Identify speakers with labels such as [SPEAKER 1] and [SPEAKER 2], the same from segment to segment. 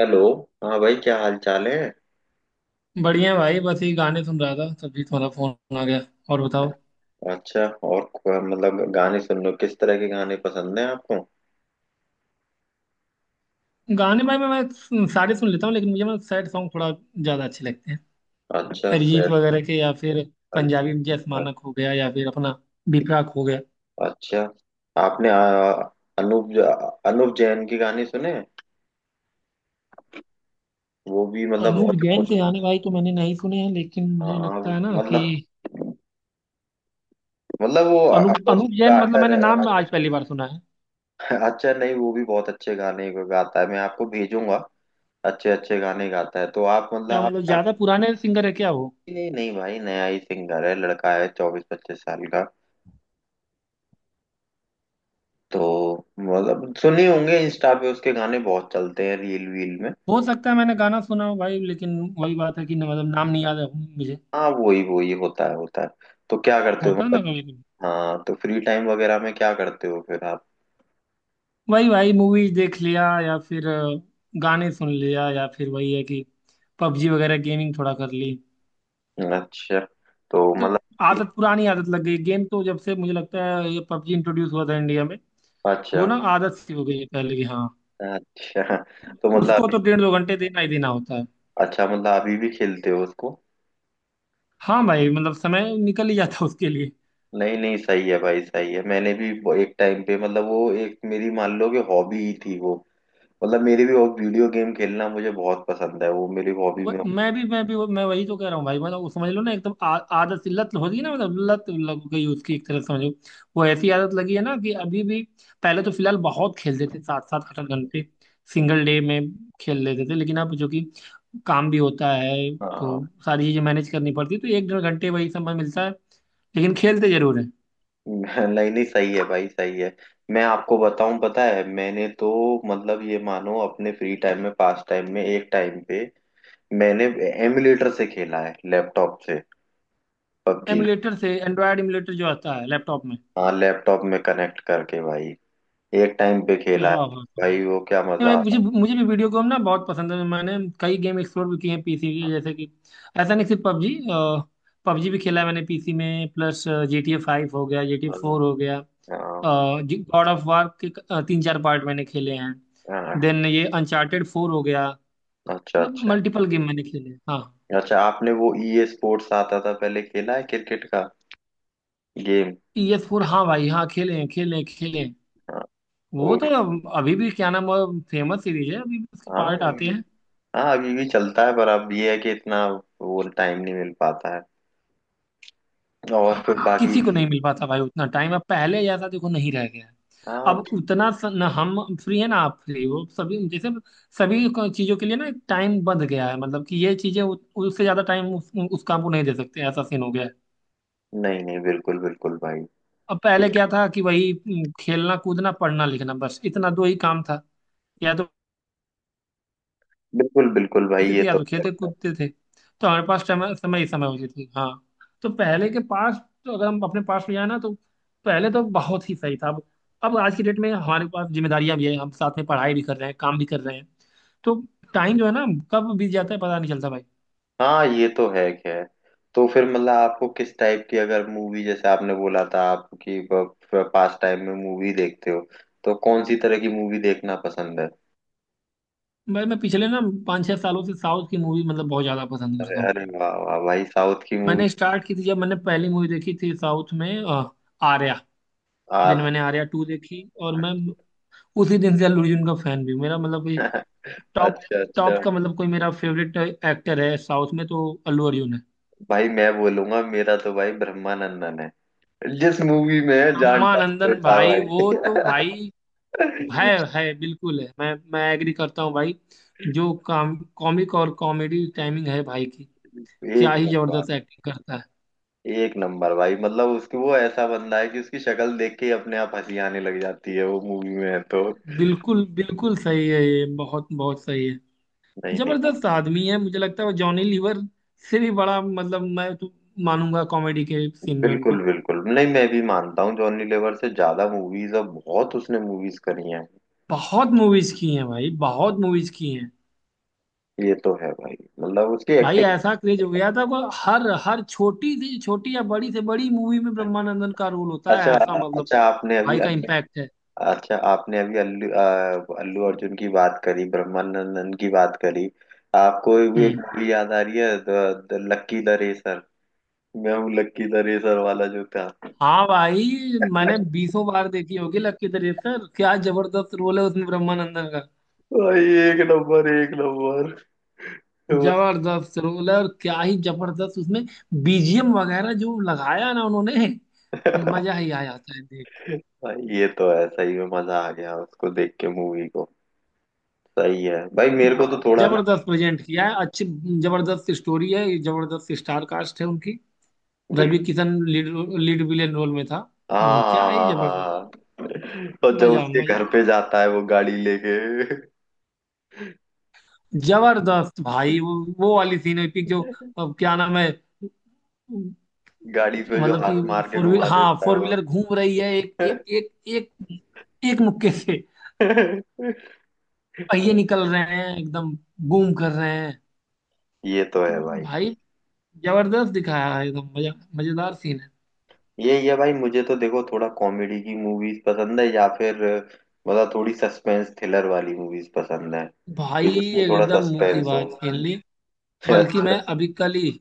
[SPEAKER 1] Hello. हाँ भाई, क्या हाल चाल है?
[SPEAKER 2] बढ़िया भाई, बस ये गाने सुन रहा था तभी तुम्हारा फोन आ गया। और बताओ।
[SPEAKER 1] अच्छा, और मतलब गाने सुनने, किस तरह के गाने पसंद हैं आपको?
[SPEAKER 2] गाने भाई, मैं सारे सुन लेता हूँ लेकिन मुझे, मैं सैड सॉन्ग थोड़ा ज्यादा अच्छे लगते हैं।
[SPEAKER 1] अच्छा
[SPEAKER 2] अरिजीत
[SPEAKER 1] सर।
[SPEAKER 2] वगैरह के या फिर पंजाबी
[SPEAKER 1] अरिजीत।
[SPEAKER 2] में जस
[SPEAKER 1] अ-
[SPEAKER 2] मानक हो गया या फिर अपना बिपराक हो गया।
[SPEAKER 1] अच्छा। आपने अनूप ज- अनूप जैन के गाने सुने? वो भी मतलब
[SPEAKER 2] अनूप
[SPEAKER 1] बहुत
[SPEAKER 2] जैन के
[SPEAKER 1] इमोशनल।
[SPEAKER 2] गाने भाई तो मैंने नहीं सुने हैं लेकिन
[SPEAKER 1] हाँ
[SPEAKER 2] मुझे लगता
[SPEAKER 1] हाँ,
[SPEAKER 2] है ना कि
[SPEAKER 1] मतलब, वो
[SPEAKER 2] अनूप
[SPEAKER 1] अपोजिट
[SPEAKER 2] अनूप
[SPEAKER 1] का
[SPEAKER 2] जैन, मतलब
[SPEAKER 1] आर्टर
[SPEAKER 2] मैंने
[SPEAKER 1] है।
[SPEAKER 2] नाम आज
[SPEAKER 1] artist।
[SPEAKER 2] पहली बार सुना है।
[SPEAKER 1] अच्छा, नहीं वो भी बहुत अच्छे गाने गाता है, मैं आपको भेजूंगा। अच्छे अच्छे गाने गाता है, तो आप मतलब
[SPEAKER 2] क्या मतलब
[SPEAKER 1] आपका।
[SPEAKER 2] ज्यादा पुराने सिंगर है क्या वो?
[SPEAKER 1] नहीं नहीं भाई, नया ही सिंगर है, लड़का है चौबीस पच्चीस साल का। तो मतलब सुने होंगे, इंस्टा पे उसके गाने बहुत चलते हैं रील वील में।
[SPEAKER 2] हो सकता है मैंने गाना सुना हो भाई, लेकिन वही बात है कि ना, मतलब नाम नहीं याद है मुझे।
[SPEAKER 1] हाँ वही वही होता है, होता है। तो क्या करते हो
[SPEAKER 2] होता है
[SPEAKER 1] मतलब?
[SPEAKER 2] ना कभी।
[SPEAKER 1] हाँ, तो फ्री टाइम वगैरह में क्या करते हो फिर आप?
[SPEAKER 2] वही भाई, मूवीज देख लिया या फिर गाने सुन लिया या फिर वही है कि पबजी वगैरह गेमिंग थोड़ा कर ली।
[SPEAKER 1] अच्छा। तो
[SPEAKER 2] तो
[SPEAKER 1] मतलब।
[SPEAKER 2] आदत, पुरानी आदत लग गई गेम तो, जब से मुझे लगता है ये पबजी इंट्रोड्यूस हुआ था इंडिया में। वो
[SPEAKER 1] अच्छा
[SPEAKER 2] ना आदत सी हो गई है पहले की। हाँ,
[SPEAKER 1] अच्छा। तो
[SPEAKER 2] उसको तो डेढ़ दो घंटे देना ही देना होता है।
[SPEAKER 1] अच्छा, मतलब अभी भी खेलते हो उसको?
[SPEAKER 2] हाँ भाई, मतलब समय निकल ही जाता है उसके लिए।
[SPEAKER 1] नहीं नहीं सही है भाई, सही है। मैंने भी वो एक टाइम पे, मतलब वो एक मेरी, मान लो कि हॉबी ही थी वो। मतलब मेरी भी वो वीडियो गेम खेलना मुझे बहुत पसंद है, वो मेरी हॉबी में।
[SPEAKER 2] मैं भी, मैं भी, मैं वही तो कह रहा हूँ भाई, मतलब वो समझ लो ना, एकदम आदत सी, लत होती है ना, मतलब लत लग गई उसकी, एक तरह से समझो। वो ऐसी आदत लगी है ना कि अभी भी पहले तो फिलहाल बहुत खेलते थे, 7 7 8 8 घंटे सिंगल डे में खेल लेते थे, लेकिन अब जो कि काम भी होता है तो
[SPEAKER 1] हाँ।
[SPEAKER 2] सारी चीजें मैनेज करनी पड़ती है, तो एक डेढ़ घंटे वही समय मिलता है, लेकिन खेलते जरूर है।
[SPEAKER 1] नहीं नहीं सही है भाई, सही है। मैं आपको बताऊं, पता है मैंने तो, मतलब ये मानो अपने फ्री टाइम में, पास टाइम में, एक टाइम पे मैंने एमुलेटर से खेला है, लैपटॉप से पबजी।
[SPEAKER 2] एमुलेटर से, एंड्रॉयड एमुलेटर जो आता है लैपटॉप में?
[SPEAKER 1] हाँ, लैपटॉप में कनेक्ट करके भाई, एक टाइम पे
[SPEAKER 2] क्या
[SPEAKER 1] खेला है।
[SPEAKER 2] बात है।
[SPEAKER 1] भाई वो क्या
[SPEAKER 2] नहीं
[SPEAKER 1] मजा
[SPEAKER 2] मैं, मुझे
[SPEAKER 1] आता
[SPEAKER 2] मुझे भी वीडियो गेम ना बहुत पसंद है। मैंने कई गेम एक्सप्लोर भी किए हैं पीसी के, जैसे कि ऐसा नहीं सिर्फ पबजी, पबजी भी खेला है मैंने पीसी में। प्लस GTA 5 हो गया, जी टी ए
[SPEAKER 1] था।
[SPEAKER 2] फोर हो गया,
[SPEAKER 1] हाँ।
[SPEAKER 2] गॉड ऑफ वार के तीन चार पार्ट मैंने खेले हैं,
[SPEAKER 1] हाँ।
[SPEAKER 2] देन ये अनचार्टेड 4 हो गया।
[SPEAKER 1] अच्छा
[SPEAKER 2] मतलब
[SPEAKER 1] अच्छा।
[SPEAKER 2] मल्टीपल गेम मैंने खेले हैं, हाँ।
[SPEAKER 1] अच्छा, आपने वो ई स्पोर्ट्स आता था पहले, खेला है क्रिकेट का गेम?
[SPEAKER 2] ई एस फोर, हाँ भाई हाँ, खेले हैं खेले हैं खेले हैं।
[SPEAKER 1] हाँ।
[SPEAKER 2] वो
[SPEAKER 1] वो।
[SPEAKER 2] तो अभी भी, क्या नाम, फेमस सीरीज है, अभी भी उसके
[SPEAKER 1] हाँ।
[SPEAKER 2] पार्ट आते हैं।
[SPEAKER 1] हाँ, अभी भी चलता है, पर अब ये है कि इतना वो टाइम नहीं मिल पाता है। और फिर
[SPEAKER 2] अब
[SPEAKER 1] बाकी।
[SPEAKER 2] किसी को नहीं मिल पाता भाई उतना टाइम, अब पहले जैसा देखो नहीं रह गया है।
[SPEAKER 1] हाँ।
[SPEAKER 2] अब उतना ना हम फ्री है ना आप फ्री हो, सभी जैसे चीजों के लिए ना एक टाइम बंध गया है, मतलब कि ये चीजें उससे ज्यादा टाइम उस काम को नहीं दे सकते, ऐसा सीन हो गया है।
[SPEAKER 1] नहीं नहीं बिल्कुल बिल्कुल भाई।
[SPEAKER 2] अब पहले क्या था कि वही खेलना कूदना पढ़ना लिखना, बस इतना दो ही काम था। या तो
[SPEAKER 1] बिल्कुल बिल्कुल भाई,
[SPEAKER 2] देखते
[SPEAKER 1] ये
[SPEAKER 2] थे या
[SPEAKER 1] तो
[SPEAKER 2] तो खेलते
[SPEAKER 1] है।
[SPEAKER 2] कूदते थे, तो हमारे पास समय समय ही समय होती थी। हाँ, तो पहले के पास, तो अगर हम अपने पास ले जाए ना, तो पहले तो बहुत ही सही था। अब आज की डेट में हमारे पास जिम्मेदारियां भी है, हम साथ में पढ़ाई भी कर रहे हैं, काम भी कर रहे हैं, तो टाइम जो है ना, कब बीत जाता है पता नहीं चलता भाई।
[SPEAKER 1] हाँ, ये तो है खैर। तो फिर मतलब आपको किस टाइप की, अगर मूवी, जैसे आपने बोला था आप कि पास टाइम में मूवी देखते हो, तो कौन सी तरह की मूवी देखना पसंद है?
[SPEAKER 2] मैं पिछले ना 5 6 सालों से साउथ की मूवी मतलब बहुत ज्यादा पसंद
[SPEAKER 1] अरे
[SPEAKER 2] करता हूँ।
[SPEAKER 1] अरे वाह वाह भाई, साउथ की मूवी!
[SPEAKER 2] मैंने स्टार्ट की थी जब मैंने पहली मूवी देखी थी साउथ में आर्या, दिन
[SPEAKER 1] आर।
[SPEAKER 2] मैंने आर्या 2 देखी और मैं उसी दिन से अल्लू अर्जुन का फैन भी हूँ। मेरा मतलब टॉप,
[SPEAKER 1] अच्छा
[SPEAKER 2] टॉप
[SPEAKER 1] अच्छा।
[SPEAKER 2] का मतलब कोई मेरा फेवरेट एक्टर है साउथ में, तो अल्लू अर्जुन है।
[SPEAKER 1] भाई मैं बोलूंगा, मेरा तो भाई ब्रह्मानंदन है, जिस मूवी में जान डाल
[SPEAKER 2] ब्रह्मानंदन
[SPEAKER 1] देता
[SPEAKER 2] भाई वो तो
[SPEAKER 1] भाई।
[SPEAKER 2] भाई है है बिल्कुल है, मैं एग्री करता हूँ भाई। जो काम कॉमिक और कॉमेडी टाइमिंग है भाई की, क्या
[SPEAKER 1] एक
[SPEAKER 2] ही
[SPEAKER 1] नंबर,
[SPEAKER 2] जबरदस्त एक्टिंग करता है।
[SPEAKER 1] एक नंबर भाई, मतलब उसकी वो, ऐसा बंदा है कि उसकी शक्ल देख के ही अपने आप हंसी आने लग जाती है, वो मूवी में है तो।
[SPEAKER 2] बिल्कुल बिल्कुल सही है, ये बहुत बहुत सही है।
[SPEAKER 1] नहीं नहीं मैं-
[SPEAKER 2] जबरदस्त आदमी है, मुझे लगता है वो जॉनी लीवर से भी बड़ा, मतलब मैं तो मानूंगा कॉमेडी के सीन में
[SPEAKER 1] बिल्कुल
[SPEAKER 2] उनको।
[SPEAKER 1] बिल्कुल, नहीं मैं भी मानता हूँ, जॉनी लीवर से ज्यादा मूवीज, और बहुत उसने मूवीज करी हैं।
[SPEAKER 2] बहुत मूवीज की हैं भाई, बहुत मूवीज की हैं।
[SPEAKER 1] ये तो है भाई, मतलब उसकी
[SPEAKER 2] भाई
[SPEAKER 1] एक्टिंग।
[SPEAKER 2] ऐसा क्रेज हो गया था को हर हर छोटी से छोटी या बड़ी से बड़ी मूवी में ब्रह्मानंदन का रोल होता
[SPEAKER 1] अच्छा।
[SPEAKER 2] है, ऐसा मतलब
[SPEAKER 1] अच्छा आपने अभी
[SPEAKER 2] भाई का
[SPEAKER 1] अल्लू
[SPEAKER 2] इम्पैक्ट है।
[SPEAKER 1] अच्छा, आपने अभी अल्लू अर्जुन की बात करी, ब्रह्मानंदन की बात करी, आपको भी एक
[SPEAKER 2] हम्म।
[SPEAKER 1] मूवी याद आ रही है द लक्की द रेसर? मैं हूँ लक्की द रेसर वाला जो था।
[SPEAKER 2] हाँ भाई, मैंने बीसों बार देखी होगी लक्की दरिश्तर, क्या जबरदस्त रोल है उसमें ब्रह्मानंदन का।
[SPEAKER 1] भाई एक नंबर, एक नंबर
[SPEAKER 2] जबरदस्त रोल है, और क्या ही जबरदस्त उसमें बीजीएम वगैरह जो लगाया ना उन्होंने, मजा ही आ जाता है देख
[SPEAKER 1] भाई, ये तो है, सही में मजा आ गया उसको देख के, मूवी को। सही है भाई,
[SPEAKER 2] के।
[SPEAKER 1] मेरे को तो थोड़ा ना।
[SPEAKER 2] जबरदस्त प्रेजेंट किया है, अच्छी जबरदस्त स्टोरी है, जबरदस्त स्टार कास्ट है उनकी।
[SPEAKER 1] बिल्कुल।
[SPEAKER 2] Ravi Kishan lead lead villain role में था।
[SPEAKER 1] हाँ
[SPEAKER 2] क्या ही
[SPEAKER 1] हाँ हाँ
[SPEAKER 2] जबरदस्त,
[SPEAKER 1] हाँ हाँ, हाँ। और जब
[SPEAKER 2] मजा
[SPEAKER 1] उसके घर
[SPEAKER 2] मजा,
[SPEAKER 1] पे जाता है वो गाड़ी लेके,
[SPEAKER 2] जबरदस्त भाई वो वाली सीन एपिक जो, अब क्या नाम है,
[SPEAKER 1] गाड़ी पे जो
[SPEAKER 2] मतलब
[SPEAKER 1] हाथ
[SPEAKER 2] कि
[SPEAKER 1] मार के
[SPEAKER 2] फोर
[SPEAKER 1] घुमा
[SPEAKER 2] व्हीलर हाँ
[SPEAKER 1] देता है
[SPEAKER 2] फोर
[SPEAKER 1] वो।
[SPEAKER 2] व्हीलर घूम रही है, एक एक एक एक, एक मुक्के से पहिए निकल रहे हैं एकदम, बूम कर रहे
[SPEAKER 1] ये तो है
[SPEAKER 2] हैं
[SPEAKER 1] भाई।
[SPEAKER 2] भाई। जबरदस्त दिखाया है एकदम, मजा, मजेदार सीन है।
[SPEAKER 1] ये भाई, मुझे तो देखो थोड़ा कॉमेडी की मूवीज पसंद है, या फिर मतलब थोड़ी सस्पेंस थ्रिलर वाली मूवीज पसंद है, कि
[SPEAKER 2] भाई
[SPEAKER 1] जिसमें थोड़ा
[SPEAKER 2] एकदम मुंह की
[SPEAKER 1] सस्पेंस हो।
[SPEAKER 2] बात छीन ली। बल्कि
[SPEAKER 1] अच्छा।
[SPEAKER 2] मैं अभी कल ही,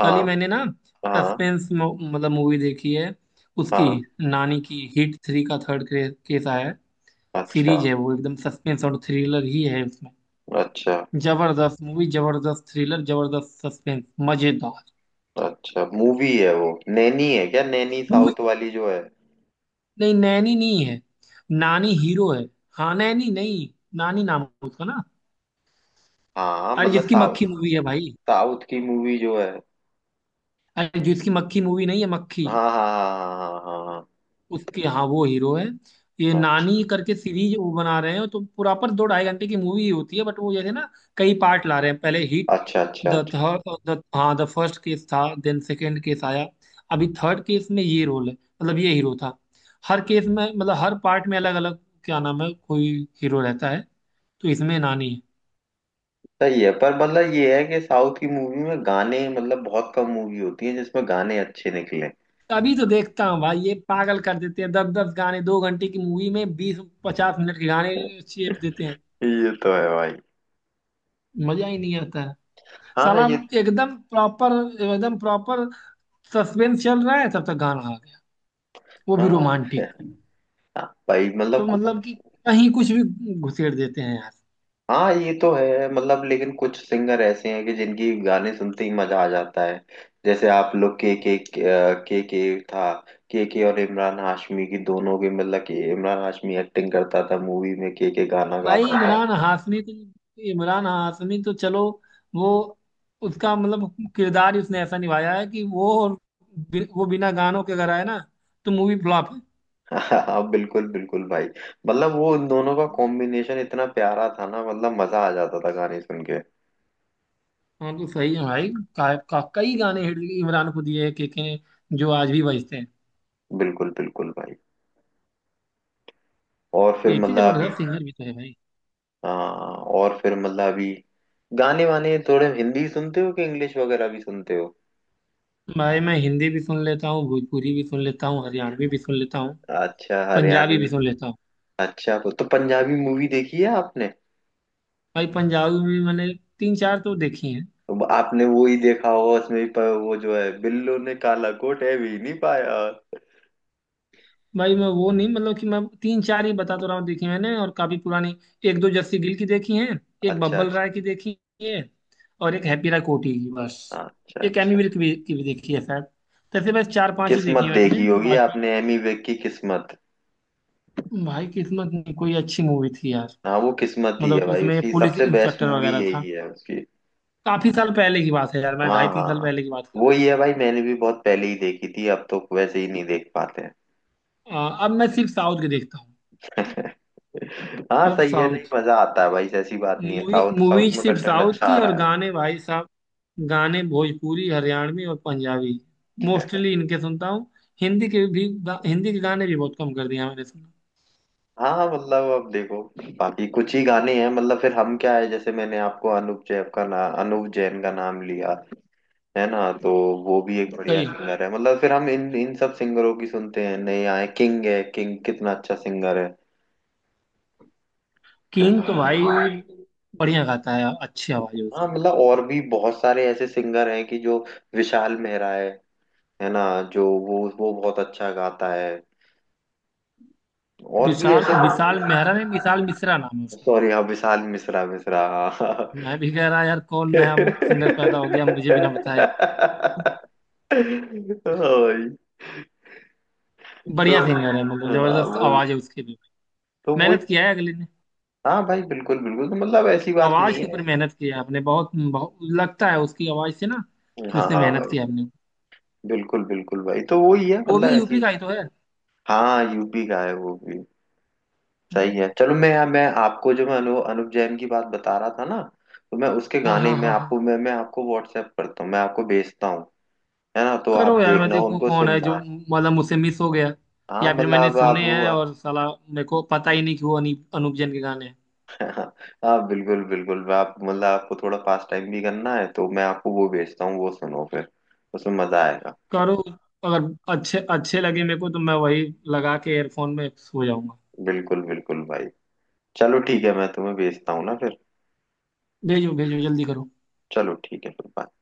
[SPEAKER 2] कल ही मैंने ना
[SPEAKER 1] हाँ
[SPEAKER 2] सस्पेंस मतलब मूवी देखी है उसकी।
[SPEAKER 1] हाँ।
[SPEAKER 2] नानी की हिट 3 का थर्ड केस आया है,
[SPEAKER 1] अच्छा
[SPEAKER 2] सीरीज है वो, एकदम सस्पेंस और थ्रिलर ही है उसमें।
[SPEAKER 1] अच्छा।
[SPEAKER 2] जबरदस्त मूवी, जबरदस्त थ्रिलर, जबरदस्त सस्पेंस, मजेदार
[SPEAKER 1] अच्छा मूवी है वो, नैनी है क्या नैनी,
[SPEAKER 2] मूवी।
[SPEAKER 1] साउथ वाली जो है?
[SPEAKER 2] नहीं नैनी नहीं है, नानी हीरो है। हाँ नैनी नहीं, नानी नाम है उसका ना।
[SPEAKER 1] हाँ
[SPEAKER 2] अरे
[SPEAKER 1] मतलब
[SPEAKER 2] जिसकी मक्खी
[SPEAKER 1] साउथ,
[SPEAKER 2] मूवी है भाई,
[SPEAKER 1] साउथ की मूवी जो है।
[SPEAKER 2] अरे जिसकी मक्खी मूवी, नहीं है मक्खी,
[SPEAKER 1] हाँ हाँ हाँ हाँ हाँ हाँ।
[SPEAKER 2] उसकी, हाँ, वो हीरो है। ये
[SPEAKER 1] हाँ।
[SPEAKER 2] नानी करके सीरीज वो बना रहे हैं, तो पूरा पर दो ढाई घंटे की मूवी ही होती है, बट वो जैसे ना कई पार्ट ला रहे हैं। पहले हिट
[SPEAKER 1] हाँ। अच्छा अच्छा
[SPEAKER 2] द
[SPEAKER 1] अच्छा।
[SPEAKER 2] थर्ड, द, हाँ द फर्स्ट केस था, देन सेकेंड केस आया, अभी थर्ड केस में ये रोल है, मतलब ये हीरो था हर केस में, मतलब हर पार्ट में अलग अलग, क्या नाम है कोई, हीरो रहता है, तो इसमें नानी है।
[SPEAKER 1] सही है, पर मतलब ये है कि साउथ की मूवी में गाने, मतलब बहुत कम मूवी होती है जिसमें गाने अच्छे निकले।
[SPEAKER 2] अभी तो देखता हूँ भाई, ये पागल कर देते हैं, 10 10 गाने 2 घंटे की मूवी में, बीस पचास मिनट के गाने चेप देते हैं,
[SPEAKER 1] ये तो है भाई।
[SPEAKER 2] मजा ही नहीं आता है।
[SPEAKER 1] हाँ
[SPEAKER 2] साला
[SPEAKER 1] ये।
[SPEAKER 2] एकदम प्रॉपर, एकदम प्रॉपर सस्पेंस चल रहा है, तब तक गाना आ गया, वो भी
[SPEAKER 1] हाँ
[SPEAKER 2] रोमांटिक।
[SPEAKER 1] हाँ, भाई मतलब
[SPEAKER 2] तो मतलब कि कहीं कुछ भी घुसेड़ देते हैं यार।
[SPEAKER 1] हाँ ये तो है, मतलब लेकिन कुछ सिंगर ऐसे हैं कि जिनकी गाने सुनते ही मजा आ जाता है। जैसे आप लोग के, के था, के और इमरान हाशमी की दोनों के, मतलब कि इमरान हाशमी एक्टिंग करता था मूवी में, के गाना
[SPEAKER 2] भाई
[SPEAKER 1] गाता था।
[SPEAKER 2] इमरान हाशमी तो चलो वो, उसका मतलब किरदार ही उसने ऐसा निभाया है कि वो वो बिना गानों के अगर आए ना तो मूवी फ्लॉप है।
[SPEAKER 1] हाँ बिल्कुल बिल्कुल भाई। मतलब वो उन दोनों का कॉम्बिनेशन इतना प्यारा था ना, मतलब मजा आ जाता था गाने सुन के।
[SPEAKER 2] हाँ तो सही है भाई। कई गाने हिट इमरान को दिए के, जो आज भी बजते हैं।
[SPEAKER 1] बिल्कुल बिल्कुल भाई। और फिर
[SPEAKER 2] के
[SPEAKER 1] मतलब अभी।
[SPEAKER 2] जबरदस्त सिंगर भी तो है भाई।
[SPEAKER 1] हाँ, और फिर मतलब अभी गाने वाने थोड़े हिंदी सुनते हो कि इंग्लिश वगैरह भी सुनते हो?
[SPEAKER 2] भाई मैं हिंदी भी सुन लेता हूँ, भोजपुरी भी सुन लेता हूँ, हरियाणवी भी सुन लेता हूँ,
[SPEAKER 1] अच्छा
[SPEAKER 2] पंजाबी
[SPEAKER 1] हरियाणवी।
[SPEAKER 2] भी सुन लेता हूँ।
[SPEAKER 1] अच्छा, वो तो पंजाबी मूवी देखी है आपने?
[SPEAKER 2] भाई पंजाबी भी मैंने तीन चार तो देखी हैं।
[SPEAKER 1] अब आपने वो ही देखा होगा उसमें भी वो जो है, बिल्लो ने काला कोट है, भी नहीं पाया।
[SPEAKER 2] भाई मैं वो नहीं, मतलब कि मैं तीन चार ही बता तो रहा हूँ देखी मैंने, और काफी पुरानी। एक दो जस्सी गिल की देखी हैं, एक
[SPEAKER 1] अच्छा अच्छा।
[SPEAKER 2] बब्बल राय की देखी है, और एक हैप्पी राय कोटी की, बस।
[SPEAKER 1] हाँ, अच्छा
[SPEAKER 2] एक एमी
[SPEAKER 1] अच्छा।
[SPEAKER 2] विर्क भी की भी देखी है शायद। तैसे बस चार पांच ही देखी
[SPEAKER 1] किस्मत
[SPEAKER 2] है मैंने
[SPEAKER 1] देखी होगी
[SPEAKER 2] बाकी।
[SPEAKER 1] आपने, एमी विर्क की किस्मत?
[SPEAKER 2] भाई किस्मत नहीं, कोई अच्छी मूवी थी यार।
[SPEAKER 1] हाँ वो किस्मत ही
[SPEAKER 2] मतलब
[SPEAKER 1] है
[SPEAKER 2] कि
[SPEAKER 1] भाई,
[SPEAKER 2] उसमें
[SPEAKER 1] उसकी
[SPEAKER 2] पुलिस
[SPEAKER 1] सबसे बेस्ट
[SPEAKER 2] इंस्पेक्टर
[SPEAKER 1] मूवी
[SPEAKER 2] वगैरह था,
[SPEAKER 1] यही है उसकी।
[SPEAKER 2] काफी साल पहले की बात है यार, मैं
[SPEAKER 1] हाँ
[SPEAKER 2] 2.5 3 साल
[SPEAKER 1] हाँ।
[SPEAKER 2] पहले की बात कर
[SPEAKER 1] वो ही है भाई, मैंने भी बहुत पहले ही देखी थी, अब तो वैसे ही नहीं देख पाते हैं।
[SPEAKER 2] रहा हूँ। अब मैं सिर्फ साउथ की देखता हूँ।
[SPEAKER 1] हाँ
[SPEAKER 2] अब
[SPEAKER 1] सही है, नहीं
[SPEAKER 2] साउथ
[SPEAKER 1] मजा आता है भाई, ऐसी बात नहीं है,
[SPEAKER 2] मूवी,
[SPEAKER 1] साउथ, साउथ
[SPEAKER 2] मूवीज
[SPEAKER 1] में
[SPEAKER 2] सिर्फ
[SPEAKER 1] कंटेंट
[SPEAKER 2] साउथ
[SPEAKER 1] अच्छा
[SPEAKER 2] की,
[SPEAKER 1] आ रहा
[SPEAKER 2] और
[SPEAKER 1] है।
[SPEAKER 2] गाने भाई साहब, गाने भोजपुरी हरियाणवी और पंजाबी मोस्टली इनके सुनता हूँ। हिंदी के भी हिंदी के गाने भी बहुत कम कर दिया मैंने सुना।
[SPEAKER 1] हाँ मतलब अब देखो, बाकी कुछ ही गाने हैं, मतलब फिर हम क्या है, जैसे मैंने आपको अनूप जैन का ना, अनूप जैन का नाम लिया है ना, तो वो भी एक बढ़िया
[SPEAKER 2] सही है।
[SPEAKER 1] सिंगर है, मतलब फिर हम इन इन सब सिंगरों की सुनते हैं। नए आए किंग है, किंग कितना अच्छा सिंगर है
[SPEAKER 2] किंग तो भाई
[SPEAKER 1] है।
[SPEAKER 2] बढ़िया गाता है यार, अच्छी आवाज है
[SPEAKER 1] हाँ
[SPEAKER 2] उसकी।
[SPEAKER 1] मतलब और भी बहुत सारे ऐसे सिंगर हैं कि जो, विशाल मेहरा है ना, जो वो बहुत अच्छा गाता है, और भी
[SPEAKER 2] विशाल
[SPEAKER 1] ऐसे बहुत,
[SPEAKER 2] विशाल मेहरा नहीं, विशाल मिश्रा नाम है उसका।
[SPEAKER 1] सॉरी हाँ विशाल मिश्रा, मिश्रा।
[SPEAKER 2] मैं भी कह रहा यार, कौन नया सिंगर पैदा हो गया मुझे भी ना बताए।
[SPEAKER 1] हाँ भाई, तो
[SPEAKER 2] बढ़िया सिंगर है, मतलब
[SPEAKER 1] हाँ
[SPEAKER 2] जबरदस्त
[SPEAKER 1] वो,
[SPEAKER 2] आवाज है उसकी भी।
[SPEAKER 1] तो वो।
[SPEAKER 2] मेहनत किया है अगले ने,
[SPEAKER 1] हाँ भाई बिल्कुल बिल्कुल, तो मतलब ऐसी बात
[SPEAKER 2] आवाज
[SPEAKER 1] नहीं
[SPEAKER 2] के
[SPEAKER 1] है।
[SPEAKER 2] ऊपर मेहनत किया है आपने, बहुत बहुत लगता है उसकी आवाज से ना कि
[SPEAKER 1] हाँ
[SPEAKER 2] उसने
[SPEAKER 1] हाँ
[SPEAKER 2] मेहनत
[SPEAKER 1] भाई,
[SPEAKER 2] किया है अपने ऊपर।
[SPEAKER 1] बिल्कुल बिल्कुल भाई, तो वो ही है
[SPEAKER 2] वो भी
[SPEAKER 1] मतलब
[SPEAKER 2] यूपी
[SPEAKER 1] ऐसी।
[SPEAKER 2] का ही तो है।
[SPEAKER 1] हाँ यूपी का है वो भी। सही
[SPEAKER 2] हम्म,
[SPEAKER 1] है, चलो। मैं आपको जो, मैं अनुप जैन की बात बता रहा था ना, तो मैं उसके
[SPEAKER 2] हाँ
[SPEAKER 1] गाने
[SPEAKER 2] हाँ
[SPEAKER 1] में
[SPEAKER 2] हाँ हाँ।
[SPEAKER 1] आपको, मैं आपको व्हाट्सएप करता हूँ, मैं आपको भेजता हूँ, है ना, तो
[SPEAKER 2] करो
[SPEAKER 1] आप
[SPEAKER 2] यार, मैं
[SPEAKER 1] देखना
[SPEAKER 2] देखूँ
[SPEAKER 1] उनको,
[SPEAKER 2] कौन है जो
[SPEAKER 1] सुनना।
[SPEAKER 2] मतलब मुझसे मिस हो गया,
[SPEAKER 1] हाँ
[SPEAKER 2] या फिर
[SPEAKER 1] मतलब
[SPEAKER 2] मैंने
[SPEAKER 1] अब
[SPEAKER 2] सुने हैं
[SPEAKER 1] आप।
[SPEAKER 2] और साला मेरे को पता ही नहीं कि वो अनूप जैन के गाने हैं।
[SPEAKER 1] हाँ बिल्कुल बिल्कुल, मैं आप मतलब आपको थोड़ा पास टाइम भी करना है, तो मैं आपको वो भेजता हूँ, वो सुनो फिर, उसमें मजा आएगा।
[SPEAKER 2] करो, अगर अच्छे अच्छे लगे मेरे को तो मैं वही लगा के एयरफोन में सो जाऊंगा।
[SPEAKER 1] बिल्कुल बिल्कुल भाई। चलो ठीक है, मैं तुम्हें भेजता हूँ ना फिर।
[SPEAKER 2] भेजो भेजो जल्दी करो।
[SPEAKER 1] चलो ठीक है, फिर bye।